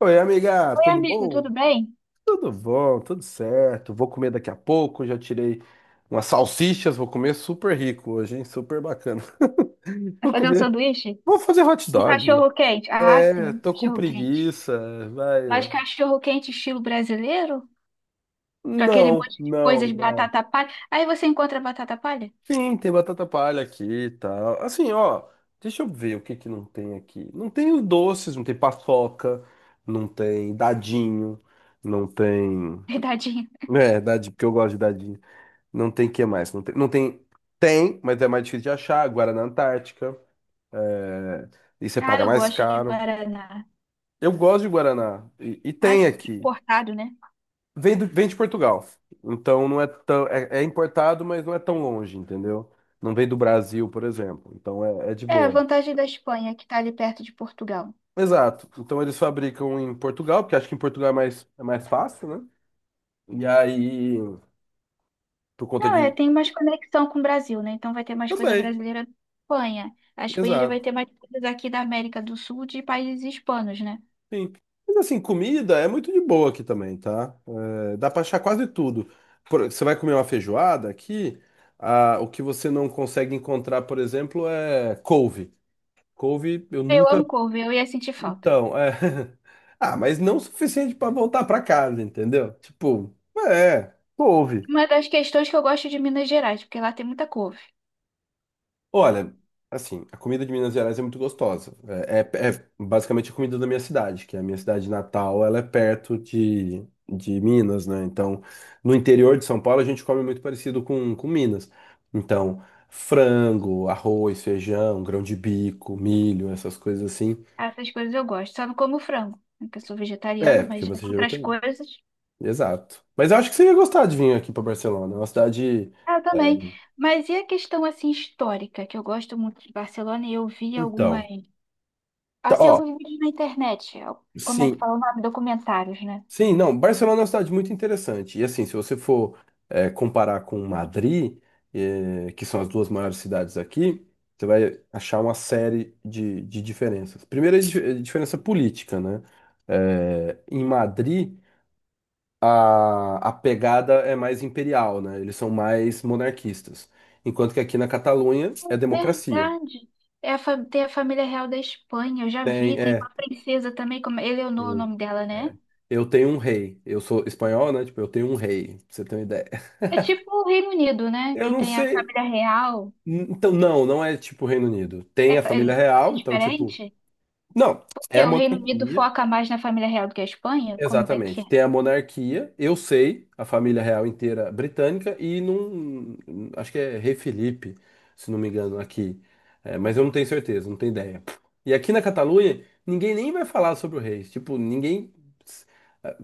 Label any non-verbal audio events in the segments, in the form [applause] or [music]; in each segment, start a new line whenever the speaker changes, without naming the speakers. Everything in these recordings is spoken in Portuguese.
Oi, amiga,
Oi,
tudo
amigo,
bom?
tudo bem?
Tudo bom, tudo certo. Vou comer daqui a pouco. Já tirei umas salsichas, vou comer super rico hoje, hein? Super bacana. [laughs]
Vai
Vou
fazer um
comer.
sanduíche?
Vou fazer hot
Um
dog.
cachorro quente. Ah,
É,
sim,
tô com
cachorro quente.
preguiça,
Mas
vai.
cachorro quente estilo brasileiro? Com aquele
Não,
monte de
não,
coisas,
não.
batata palha. Aí você encontra batata palha?
Sim, tem batata palha aqui e tal. Assim, ó, deixa eu ver o que que não tem aqui. Não tem os doces, não tem paçoca, não tem dadinho, não tem.
[laughs] Verdadinho.
É, dadinho, porque eu gosto de dadinho. Não tem que mais. Não tem, não tem. Tem, mas é mais difícil de achar. Guaraná Antártica. é, E você
Ah,
paga
eu
mais
gosto de
caro.
Guaraná.
Eu gosto de Guaraná. E
Ah,
tem
sim,
aqui.
importado, né?
Vem de Portugal. Então não é tão. É importado, mas não é tão longe, entendeu? Não vem do Brasil, por exemplo. Então é de
É, a
boa.
vantagem da Espanha, que tá ali perto de Portugal.
Exato. Então eles fabricam em Portugal, porque acho que em Portugal é mais fácil, né? E aí, por conta
Não, é,
de.
tem mais conexão com o Brasil, né? Então vai ter mais coisa
Também.
brasileira na Espanha. A Espanha já vai ter
Exato.
mais coisas aqui da América do Sul, de países hispanos, né?
Sim. Mas assim, comida é muito de boa aqui também, tá? É, dá pra achar quase tudo. Você vai comer uma feijoada aqui, ah, o que você não consegue encontrar, por exemplo, é couve. Couve eu
Eu
nunca.
amo couve, eu ia sentir falta.
Então, é. [laughs] Ah, mas não o suficiente pra voltar pra casa, entendeu? Tipo, couve.
Uma das questões que eu gosto de Minas Gerais, porque lá tem muita couve.
Olha, assim, a comida de Minas Gerais é muito gostosa. É basicamente a comida da minha cidade, que é a minha cidade natal, ela é perto de Minas, né? Então, no interior de São Paulo, a gente come muito parecido com Minas. Então, frango, arroz, feijão, grão de bico, milho, essas coisas assim.
Essas coisas eu gosto. Só não como frango, né, que eu sou vegetariana,
É,
mas
porque
já tem
você já vai
outras
ter.
coisas.
Exato. Mas eu acho que você ia gostar de vir aqui para Barcelona. É uma cidade.
Ah, eu também.
é,
Mas e a questão assim histórica, que eu gosto muito de Barcelona e eu vi algumas,
Então,
assim,
ó,
alguns vídeos na internet. Como é que
sim,
fala o nome? Documentários, né?
sim, não, Barcelona é uma cidade muito interessante. E assim, se você for comparar com Madrid, que são as duas maiores cidades aqui, você vai achar uma série de diferenças. Primeira é diferença política, né? Em Madrid, a pegada é mais imperial, né? Eles são mais monarquistas. Enquanto que aqui na Catalunha é
É
democracia.
verdade. É a fa- Tem a família real da Espanha, eu já
Tem,
vi. Tem
é,
uma princesa também, como Eleonor, é o
tem-
nome dela, né?
é. Eu tenho um rei. Eu sou espanhol, né? Tipo, eu tenho um rei, pra você ter uma ideia.
É tipo o Reino Unido, né?
Eu
Que
não
tem a
sei,
família real.
então, não, não é tipo Reino Unido.
É,
Tem a
pa-
família
é assim,
real, então, tipo.
diferente?
Não, é
Que
a
o Reino Unido
monarquia.
foca mais na família real do que a Espanha? Como é que
Exatamente.
é?
Tem a monarquia, eu sei, a família real inteira britânica, e num. Acho que é Rei Felipe, se não me engano, aqui. É, mas eu não tenho certeza, não tenho ideia. E aqui na Catalunha, ninguém nem vai falar sobre o rei. Tipo, ninguém.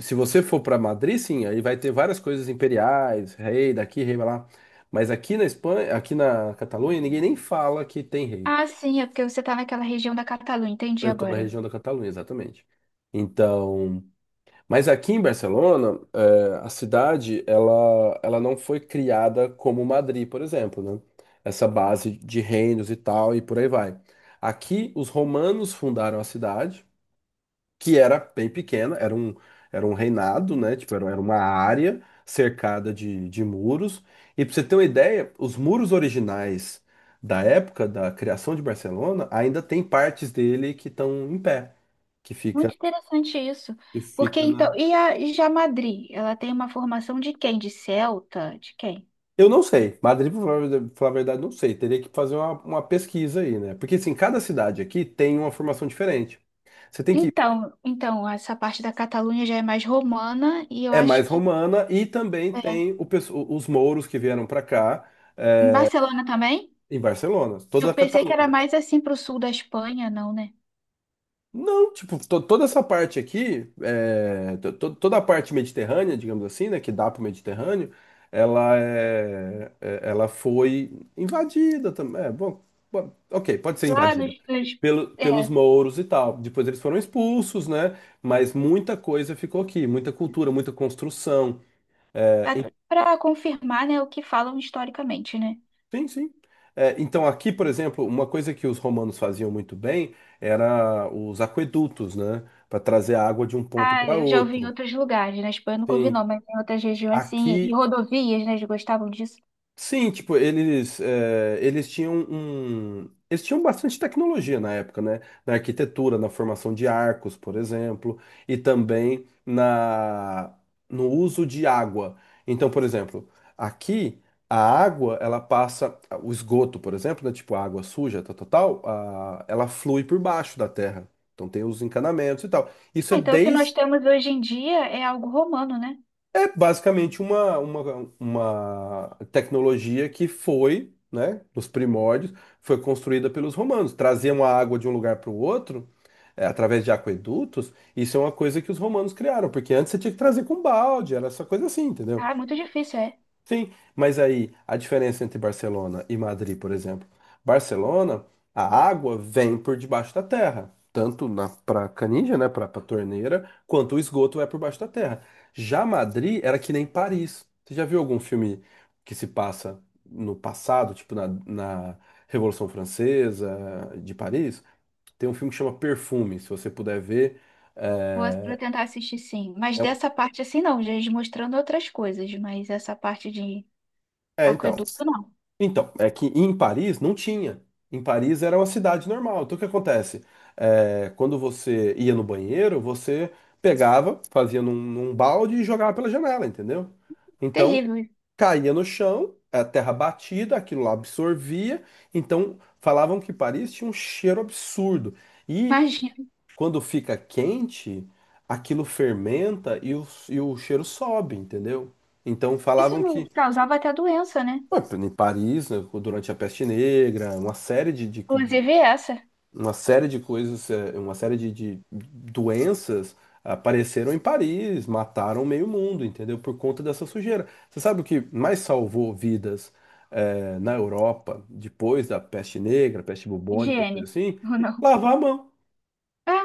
Se você for para Madrid, sim, aí vai ter várias coisas imperiais, rei daqui, rei lá. Mas aqui na Espanha, aqui na Catalunha, ninguém nem fala que tem rei.
Ah, sim, é porque você tá naquela região da Catalunha, entendi
Eu estou na
agora.
região da Catalunha, exatamente. Então, mas aqui em Barcelona, a cidade, ela não foi criada como Madrid, por exemplo, né? Essa base de reinos e tal, e por aí vai. Aqui, os romanos fundaram a cidade, que era bem pequena, era um reinado, né? Tipo, era uma área cercada de muros. E para você ter uma ideia, os muros originais da época da criação de Barcelona ainda tem partes dele que estão em pé, que
Muito
fica,
interessante isso.
que
Porque
fica
então,
na.
e a e já Madrid, ela tem uma formação de quem? De celta? De quem?
Eu não sei, Madrid, pra falar a verdade, não sei. Teria que fazer uma pesquisa aí, né? Porque assim, cada cidade aqui tem uma formação diferente. Você tem que.
Então, então essa parte da Catalunha já é mais romana e eu
É
acho
mais
que
romana e também
é.
tem os mouros que vieram para cá.
Em Barcelona também?
Em Barcelona,
Eu
toda a
pensei que era
Catalunha.
mais assim pro sul da Espanha, não, né?
Não, tipo, toda essa parte aqui, toda a parte mediterrânea, digamos assim, né, que dá pro Mediterrâneo, ela foi invadida também. É, bom, ok, pode ser
Lá nos,
invadida
nos
pelos
é,
mouros e tal. Depois eles foram expulsos, né? Mas muita coisa ficou aqui, muita cultura, muita construção. É,
para confirmar, né, o que falam historicamente, né?
sim, sim. É, então, aqui, por exemplo, uma coisa que os romanos faziam muito bem era os aquedutos, né? Para trazer água de um ponto
Ah,
para
eu já ouvi em
outro.
outros lugares, na Espanha eu nunca ouvi
Sim.
não, mas em outras regiões sim, e
Aqui
rodovias, né, eles gostavam disso.
sim, tipo, eles tinham um. Eles tinham bastante tecnologia na época, né? Na arquitetura, na formação de arcos, por exemplo, e também na, no uso de água. Então, por exemplo, aqui a água, ela passa. O esgoto, por exemplo, né? Tipo, a água suja, tal, tal, tal, ela flui por baixo da terra. Então tem os encanamentos e tal. Isso
Ah,
é
então o que nós
desde.
temos hoje em dia é algo romano, né?
É basicamente uma tecnologia que foi, né, nos primórdios, foi construída pelos romanos. Traziam a água de um lugar para o outro, através de aquedutos. Isso é uma coisa que os romanos criaram, porque antes você tinha que trazer com balde, era essa coisa assim, entendeu?
Ah, muito difícil, é.
Sim, mas aí a diferença entre Barcelona e Madrid, por exemplo. Barcelona, a água vem por debaixo da terra, tanto na para canija, né, para torneira, quanto o esgoto é por baixo da terra. Já Madrid era que nem Paris. Você já viu algum filme que se passa no passado, tipo na Revolução Francesa de Paris? Tem um filme que chama Perfume, se você puder ver.
Vou
É,
tentar assistir sim, mas
é, um,
dessa parte assim não, já eles mostrando outras coisas, mas essa parte de
então.
aqueduto não,
Então, é que em Paris não tinha. Em Paris era uma cidade normal. Então o que acontece? É, quando você ia no banheiro, você pegava, fazia num balde e jogava pela janela, entendeu? Então
terrível,
caía no chão, a terra batida, aquilo lá absorvia. Então falavam que Paris tinha um cheiro absurdo. E
imagina.
quando fica quente, aquilo fermenta e o cheiro sobe, entendeu? Então
Isso
falavam
não
que,
causava até doença, né?
pô, em Paris, né, durante a Peste Negra, uma série de, de- de-
Inclusive essa,
uma série de coisas, uma série de doenças apareceram em Paris, mataram meio mundo, entendeu? Por conta dessa sujeira. Você sabe o que mais salvou vidas, na Europa depois da Peste Negra, peste bubônica, coisa
higiene,
assim?
[laughs] ou não?
Lavar a mão.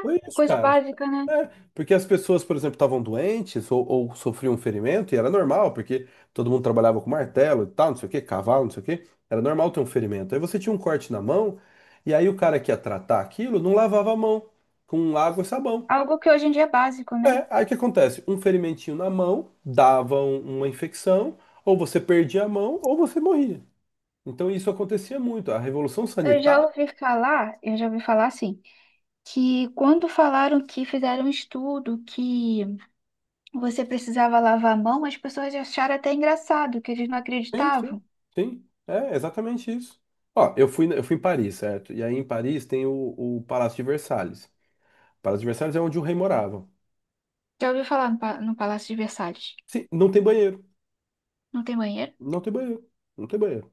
Foi isso,
coisa
cara.
básica, né?
É, porque as pessoas, por exemplo, estavam doentes ou sofriam um ferimento, e era normal, porque todo mundo trabalhava com martelo e tal, não sei o quê, cavalo, não sei o quê. Era normal ter um ferimento. Aí você tinha um corte na mão, e aí o cara que ia tratar aquilo não lavava a mão com água e sabão.
Algo que hoje em dia é básico, né?
É, aí o que acontece? Um ferimentinho na mão dava uma infecção, ou você perdia a mão, ou você morria. Então isso acontecia muito. A revolução
Eu já
sanitária.
ouvi falar, eu já ouvi falar assim. Que quando falaram que fizeram um estudo que você precisava lavar a mão, as pessoas acharam até engraçado, que eles não
Sim, sim,
acreditavam.
sim. É exatamente isso. Ó, eu fui em Paris, certo? E aí em Paris tem o Palácio de Versalhes. O Palácio de Versalhes é onde o rei morava.
Já ouviu falar no, Pa- no Palácio de Versalhes?
Sim, não tem banheiro.
Não tem banheiro?
Não tem banheiro. Não tem banheiro.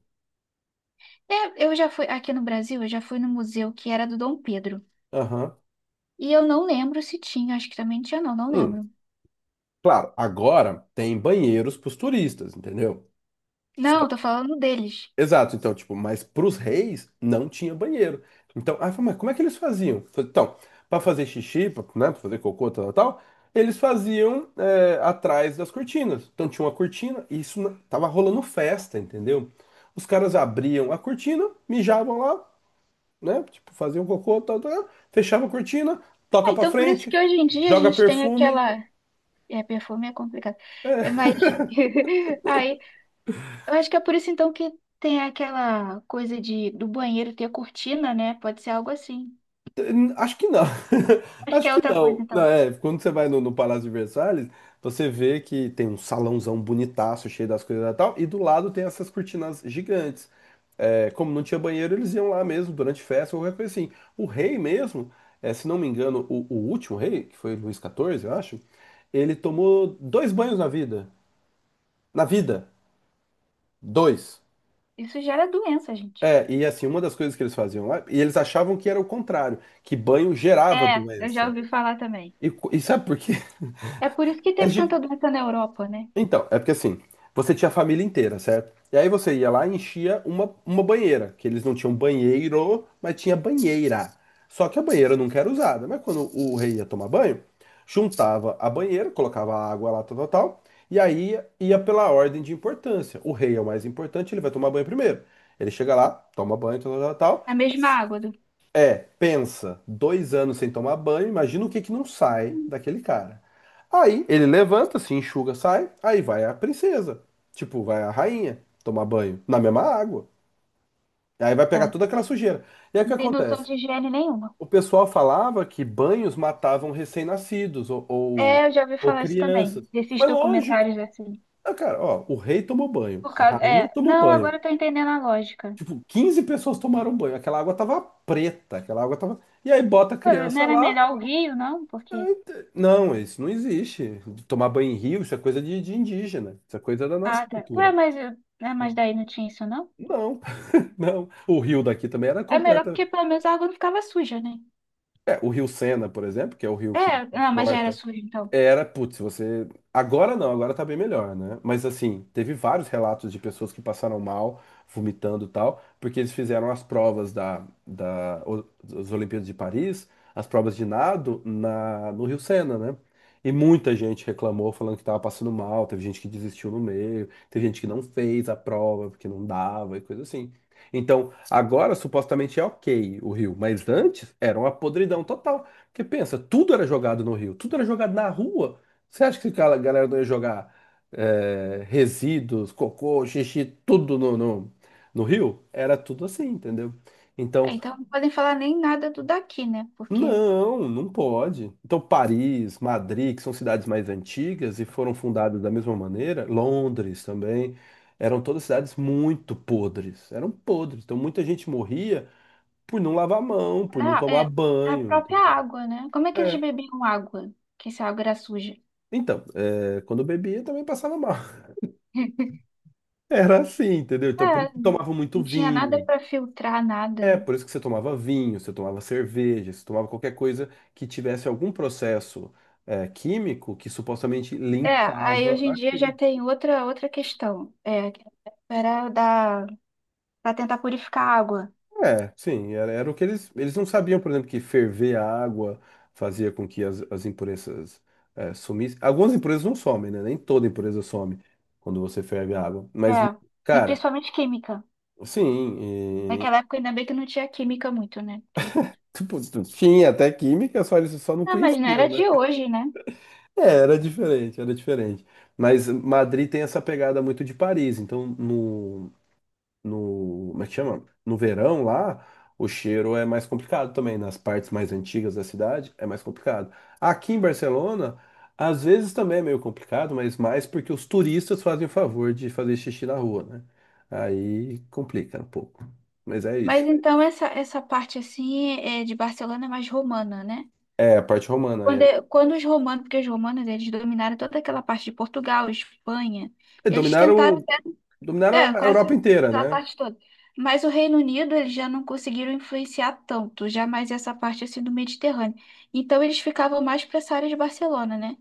É, eu já fui aqui no Brasil, eu já fui no museu que era do Dom Pedro.
Aham.
E eu não lembro se tinha, acho que também tinha, não, não
Hum,
lembro.
claro, agora tem banheiros para os turistas, entendeu?
Não, tô falando deles.
Exato, então, tipo, mas pros reis não tinha banheiro. Então, aí eu falei, mas como é que eles faziam? Falei, então, para fazer xixi, pra, né, para fazer cocô, tal, tal, tal, eles faziam atrás das cortinas. Então tinha uma cortina e isso tava rolando festa, entendeu? Os caras abriam a cortina, mijavam lá, né, tipo, faziam cocô, tal, tal, fechavam a cortina,
Ah,
toca pra
então por isso que
frente,
hoje em dia a
joga
gente tem
perfume.
aquela. É, perfume é complicado. É, mas [laughs] aí eu acho que é por isso então que tem aquela coisa de do banheiro ter cortina, né? Pode ser algo assim.
Acho que não. [laughs]
Acho que
Acho
é
que
outra
não.
coisa
Não,
então.
é, quando você vai no Palácio de Versalhes, você vê que tem um salãozão bonitaço, cheio das coisas e tal, e do lado tem essas cortinas gigantes. É, como não tinha banheiro, eles iam lá mesmo durante festa ou qualquer coisa assim. O rei mesmo, se não me engano, o último rei, que foi Luís XIV, eu acho, ele tomou dois banhos na vida. Na vida, dois.
Isso gera doença, gente.
É, e assim, uma das coisas que eles faziam lá, e eles achavam que era o contrário, que banho gerava
É, eu já
doença.
ouvi falar também.
E sabe por quê?
É por isso que
É
teve
gi-
tanta doença na Europa, né?
Então, é porque assim, você tinha a família inteira, certo? E aí você ia lá e enchia uma banheira, que eles não tinham banheiro, mas tinha banheira. Só que a banheira nunca era usada, mas quando o rei ia tomar banho, juntava a banheira, colocava a água lá, tal, tal, tal, e aí ia pela ordem de importância. O rei é o mais importante, ele vai tomar banho primeiro. Ele chega lá, toma banho, tal, tal, tal, tal.
A mesma água do...
É, pensa, 2 anos sem tomar banho, imagina o que que não sai daquele cara. Aí ele levanta, se enxuga, sai, aí vai a princesa, tipo, vai a rainha tomar banho na mesma água. Aí vai pegar
É,
toda aquela sujeira. E aí o
não
que
tem noção
acontece?
de higiene nenhuma.
O pessoal falava que banhos matavam recém-nascidos ou, ou,
É, eu já ouvi
ou
falar isso também,
crianças.
desses
Mas lógico,
documentários assim.
ah, cara, ó, o rei tomou banho,
Por
a
causa,
rainha
é,
tomou
não,
banho.
agora eu tô entendendo a lógica.
Tipo, 15 pessoas tomaram banho, aquela água tava preta, aquela água tava. E aí bota a
Pô, não
criança
era
lá.
melhor o Rio, não? Porque
Não, isso não existe. Tomar banho em rio, isso é coisa de indígena. Isso é coisa da nossa
Ah, tá. Ué,
cultura.
mas, eu- ah, mas daí não tinha isso, não?
Não, [laughs] não. O rio daqui também era
É melhor
completa.
porque pelo menos a água não ficava suja, né?
É, o rio Sena, por exemplo, que é o rio
É,
que
não, mas já era
corta.
suja, então.
Era, putz, você. Agora não, agora tá bem melhor, né? Mas assim, teve vários relatos de pessoas que passaram mal, vomitando e tal, porque eles fizeram as provas das Olimpíadas de Paris, as provas de nado no Rio Sena, né? E muita gente reclamou falando que tava passando mal, teve gente que desistiu no meio, teve gente que não fez a prova porque não dava e coisa assim. Então, agora supostamente é ok o Rio, mas antes era uma podridão total. Porque pensa, tudo era jogado no Rio, tudo era jogado na rua. Você acha que aquela galera não ia jogar resíduos, cocô, xixi, tudo no Rio? Era tudo assim, entendeu?
É,
Então,
então não podem falar nem nada do daqui, né? Porque
não, não pode. Então, Paris, Madrid, que são cidades mais antigas e foram fundadas da mesma maneira, Londres também, eram todas cidades muito podres. Eram podres. Então, muita gente morria por não lavar a mão, por não
da,
tomar
é, da
banho,
própria
entendeu?
água, né? Como é que eles
É.
bebiam água? Que essa água era suja.
Então, quando eu bebia, eu também passava mal. [laughs]
[laughs]
Era assim, entendeu? Então, por
É,
isso que tomava muito
não tinha nada
vinho.
para filtrar, nada.
É, por isso que você tomava vinho, você tomava cerveja, você tomava qualquer coisa que tivesse algum processo, químico que supostamente
É, aí
limpava
hoje em dia já
aquilo.
tem outra, outra questão. É, que era da, para tentar purificar a água.
É, sim, era o que eles. Eles não sabiam, por exemplo, que ferver a água fazia com que as impurezas, sumissem. Algumas impurezas não somem, né? Nem toda impureza some quando você ferve a água. Mas,
É, e
cara.
principalmente química.
Sim.
Naquela época, ainda bem que não tinha química muito, né? Porque...
Tipo, tinha até química, só eles só não
Ah, mas não era
conheciam, né?
de hoje, né?
É, era diferente, era diferente. Mas Madrid tem essa pegada muito de Paris, então no, no, como é que chama? No verão lá, o cheiro é mais complicado também, nas partes mais antigas da cidade é mais complicado. Aqui em Barcelona, às vezes também é meio complicado, mas mais porque os turistas fazem o favor de fazer xixi na rua, né? Aí complica um pouco. Mas é
Mas
isso.
então essa parte assim é de Barcelona é mais romana, né?
É, a parte romana.
Quando,
É.
é- quando os romanos, porque os romanos eles dominaram toda aquela parte de Portugal, Espanha,
É,
eles tentaram,
Dominaram,
é,
Dominaram a Europa
quase
inteira,
a
né?
parte toda. Mas o Reino Unido eles já não conseguiram influenciar tanto, já mais essa parte assim do Mediterrâneo. Então eles ficavam mais para essa área de Barcelona, né?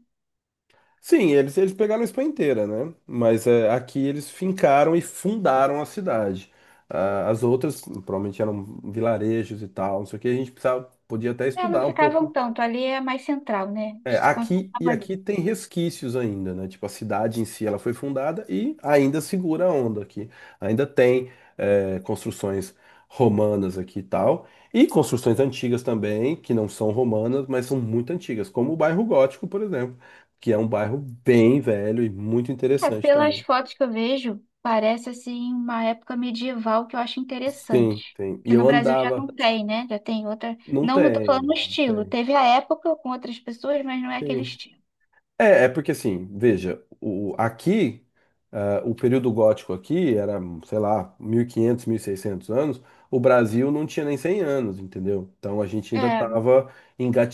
Sim, eles pegaram a Espanha inteira, né? Mas aqui eles fincaram e fundaram a cidade. Ah, as outras provavelmente eram vilarejos e tal, não sei o que. A gente precisava, podia até
É, não
estudar um
ficavam
pouco.
tanto, ali é mais central, né?
É,
Eles se
aqui
concentravam
e
ali.
aqui tem resquícios ainda, né? Tipo, a cidade em si ela foi fundada e ainda segura a onda aqui. Ainda tem construções romanas aqui e tal. E construções antigas também, que não são romanas, mas são muito antigas, como o bairro Gótico, por exemplo, que é um bairro bem velho e muito
É,
interessante
pelas
também.
fotos que eu vejo, parece assim uma época medieval que eu acho
Sim,
interessante.
tem. E
Que no
eu
Brasil já não
andava.
tem, né? Já tem outra.
Não
Não, eu tô falando
tem,
o
não
estilo.
tem.
Teve a época com outras pessoas, mas não é aquele
Sim.
estilo.
É, porque assim, veja, aqui, o período gótico aqui era, sei lá, mil e quinhentos, 1600 anos, o Brasil não tinha nem 100 anos, entendeu? Então a gente ainda
É,
estava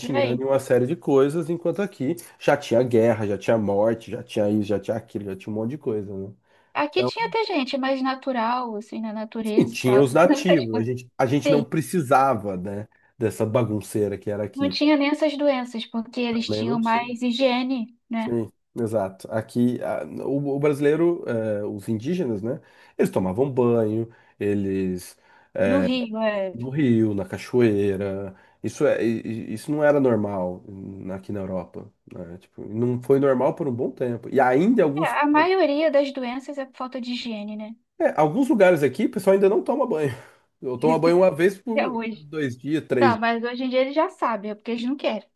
por aí.
em uma série de coisas, enquanto aqui já tinha guerra, já tinha morte, já tinha isso, já tinha aquilo, já tinha um monte de coisa, né?
Aqui
Então,
tinha até gente mais natural, assim, na
assim,
natureza e
tinha
tal.
os
[laughs] Essas
nativos, a
coisas.
gente, a gente não
Sim,
precisava, né, dessa bagunceira que era
não
aqui.
tinha nem essas doenças, porque eles
Também não
tinham
tinha.
mais higiene, né?
Sim, exato. Aqui, o brasileiro, os indígenas, né? Eles tomavam banho, eles
No Rio, é.
no rio, na cachoeira. Isso não era normal aqui na Europa, né? Tipo, não foi normal por um bom tempo. E ainda
É, a maioria das doenças é por falta de higiene, né?
alguns lugares aqui, o pessoal ainda não toma banho. Eu tomo banho uma vez
Até
por
hoje.
2 dias, três.
Não, mas hoje em dia eles já sabem, é porque eles não querem.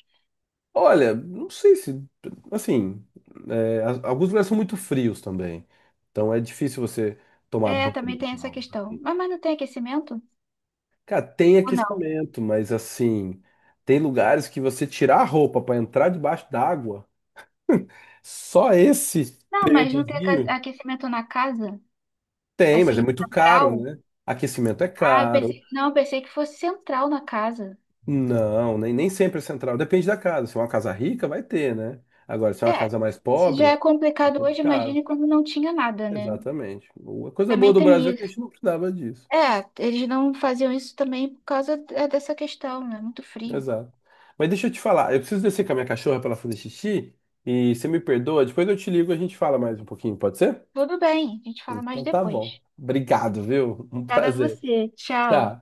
Olha, não sei se. Assim, alguns lugares são muito frios também. Então é difícil você tomar
É,
banho
também
e
tem essa
tal,
questão.
assim.
Mas, não tem aquecimento?
Cara, tem
Ou não?
aquecimento, mas assim, tem lugares que você tirar a roupa para entrar debaixo d'água. [laughs] Só esse
Não, mas não tem aca-
períodozinho
aquecimento na casa?
tem, mas é
Assim,
muito caro,
central?
né? Aquecimento é
Ah, eu
caro.
pensei, não, eu pensei que fosse central na casa.
Não, nem sempre é central. Depende da casa. Se é uma casa rica, vai ter, né? Agora, se é uma
É,
casa mais
se já é
pobre, é
complicado hoje,
complicado.
imagine quando não tinha nada, né?
Exatamente. A coisa boa
Também
do
tem
Brasil é que a
isso.
gente não precisava disso.
É, eles não faziam isso também por causa é, dessa questão, né? Muito frio.
Exato. Mas deixa eu te falar, eu preciso descer com a minha cachorra para ela fazer xixi e você me perdoa, depois eu te ligo e a gente fala mais um pouquinho, pode ser?
Tudo bem, a gente fala mais
Então tá bom.
depois.
Obrigado, viu? Um
Obrigada a
prazer.
você. Tchau.
Tchau.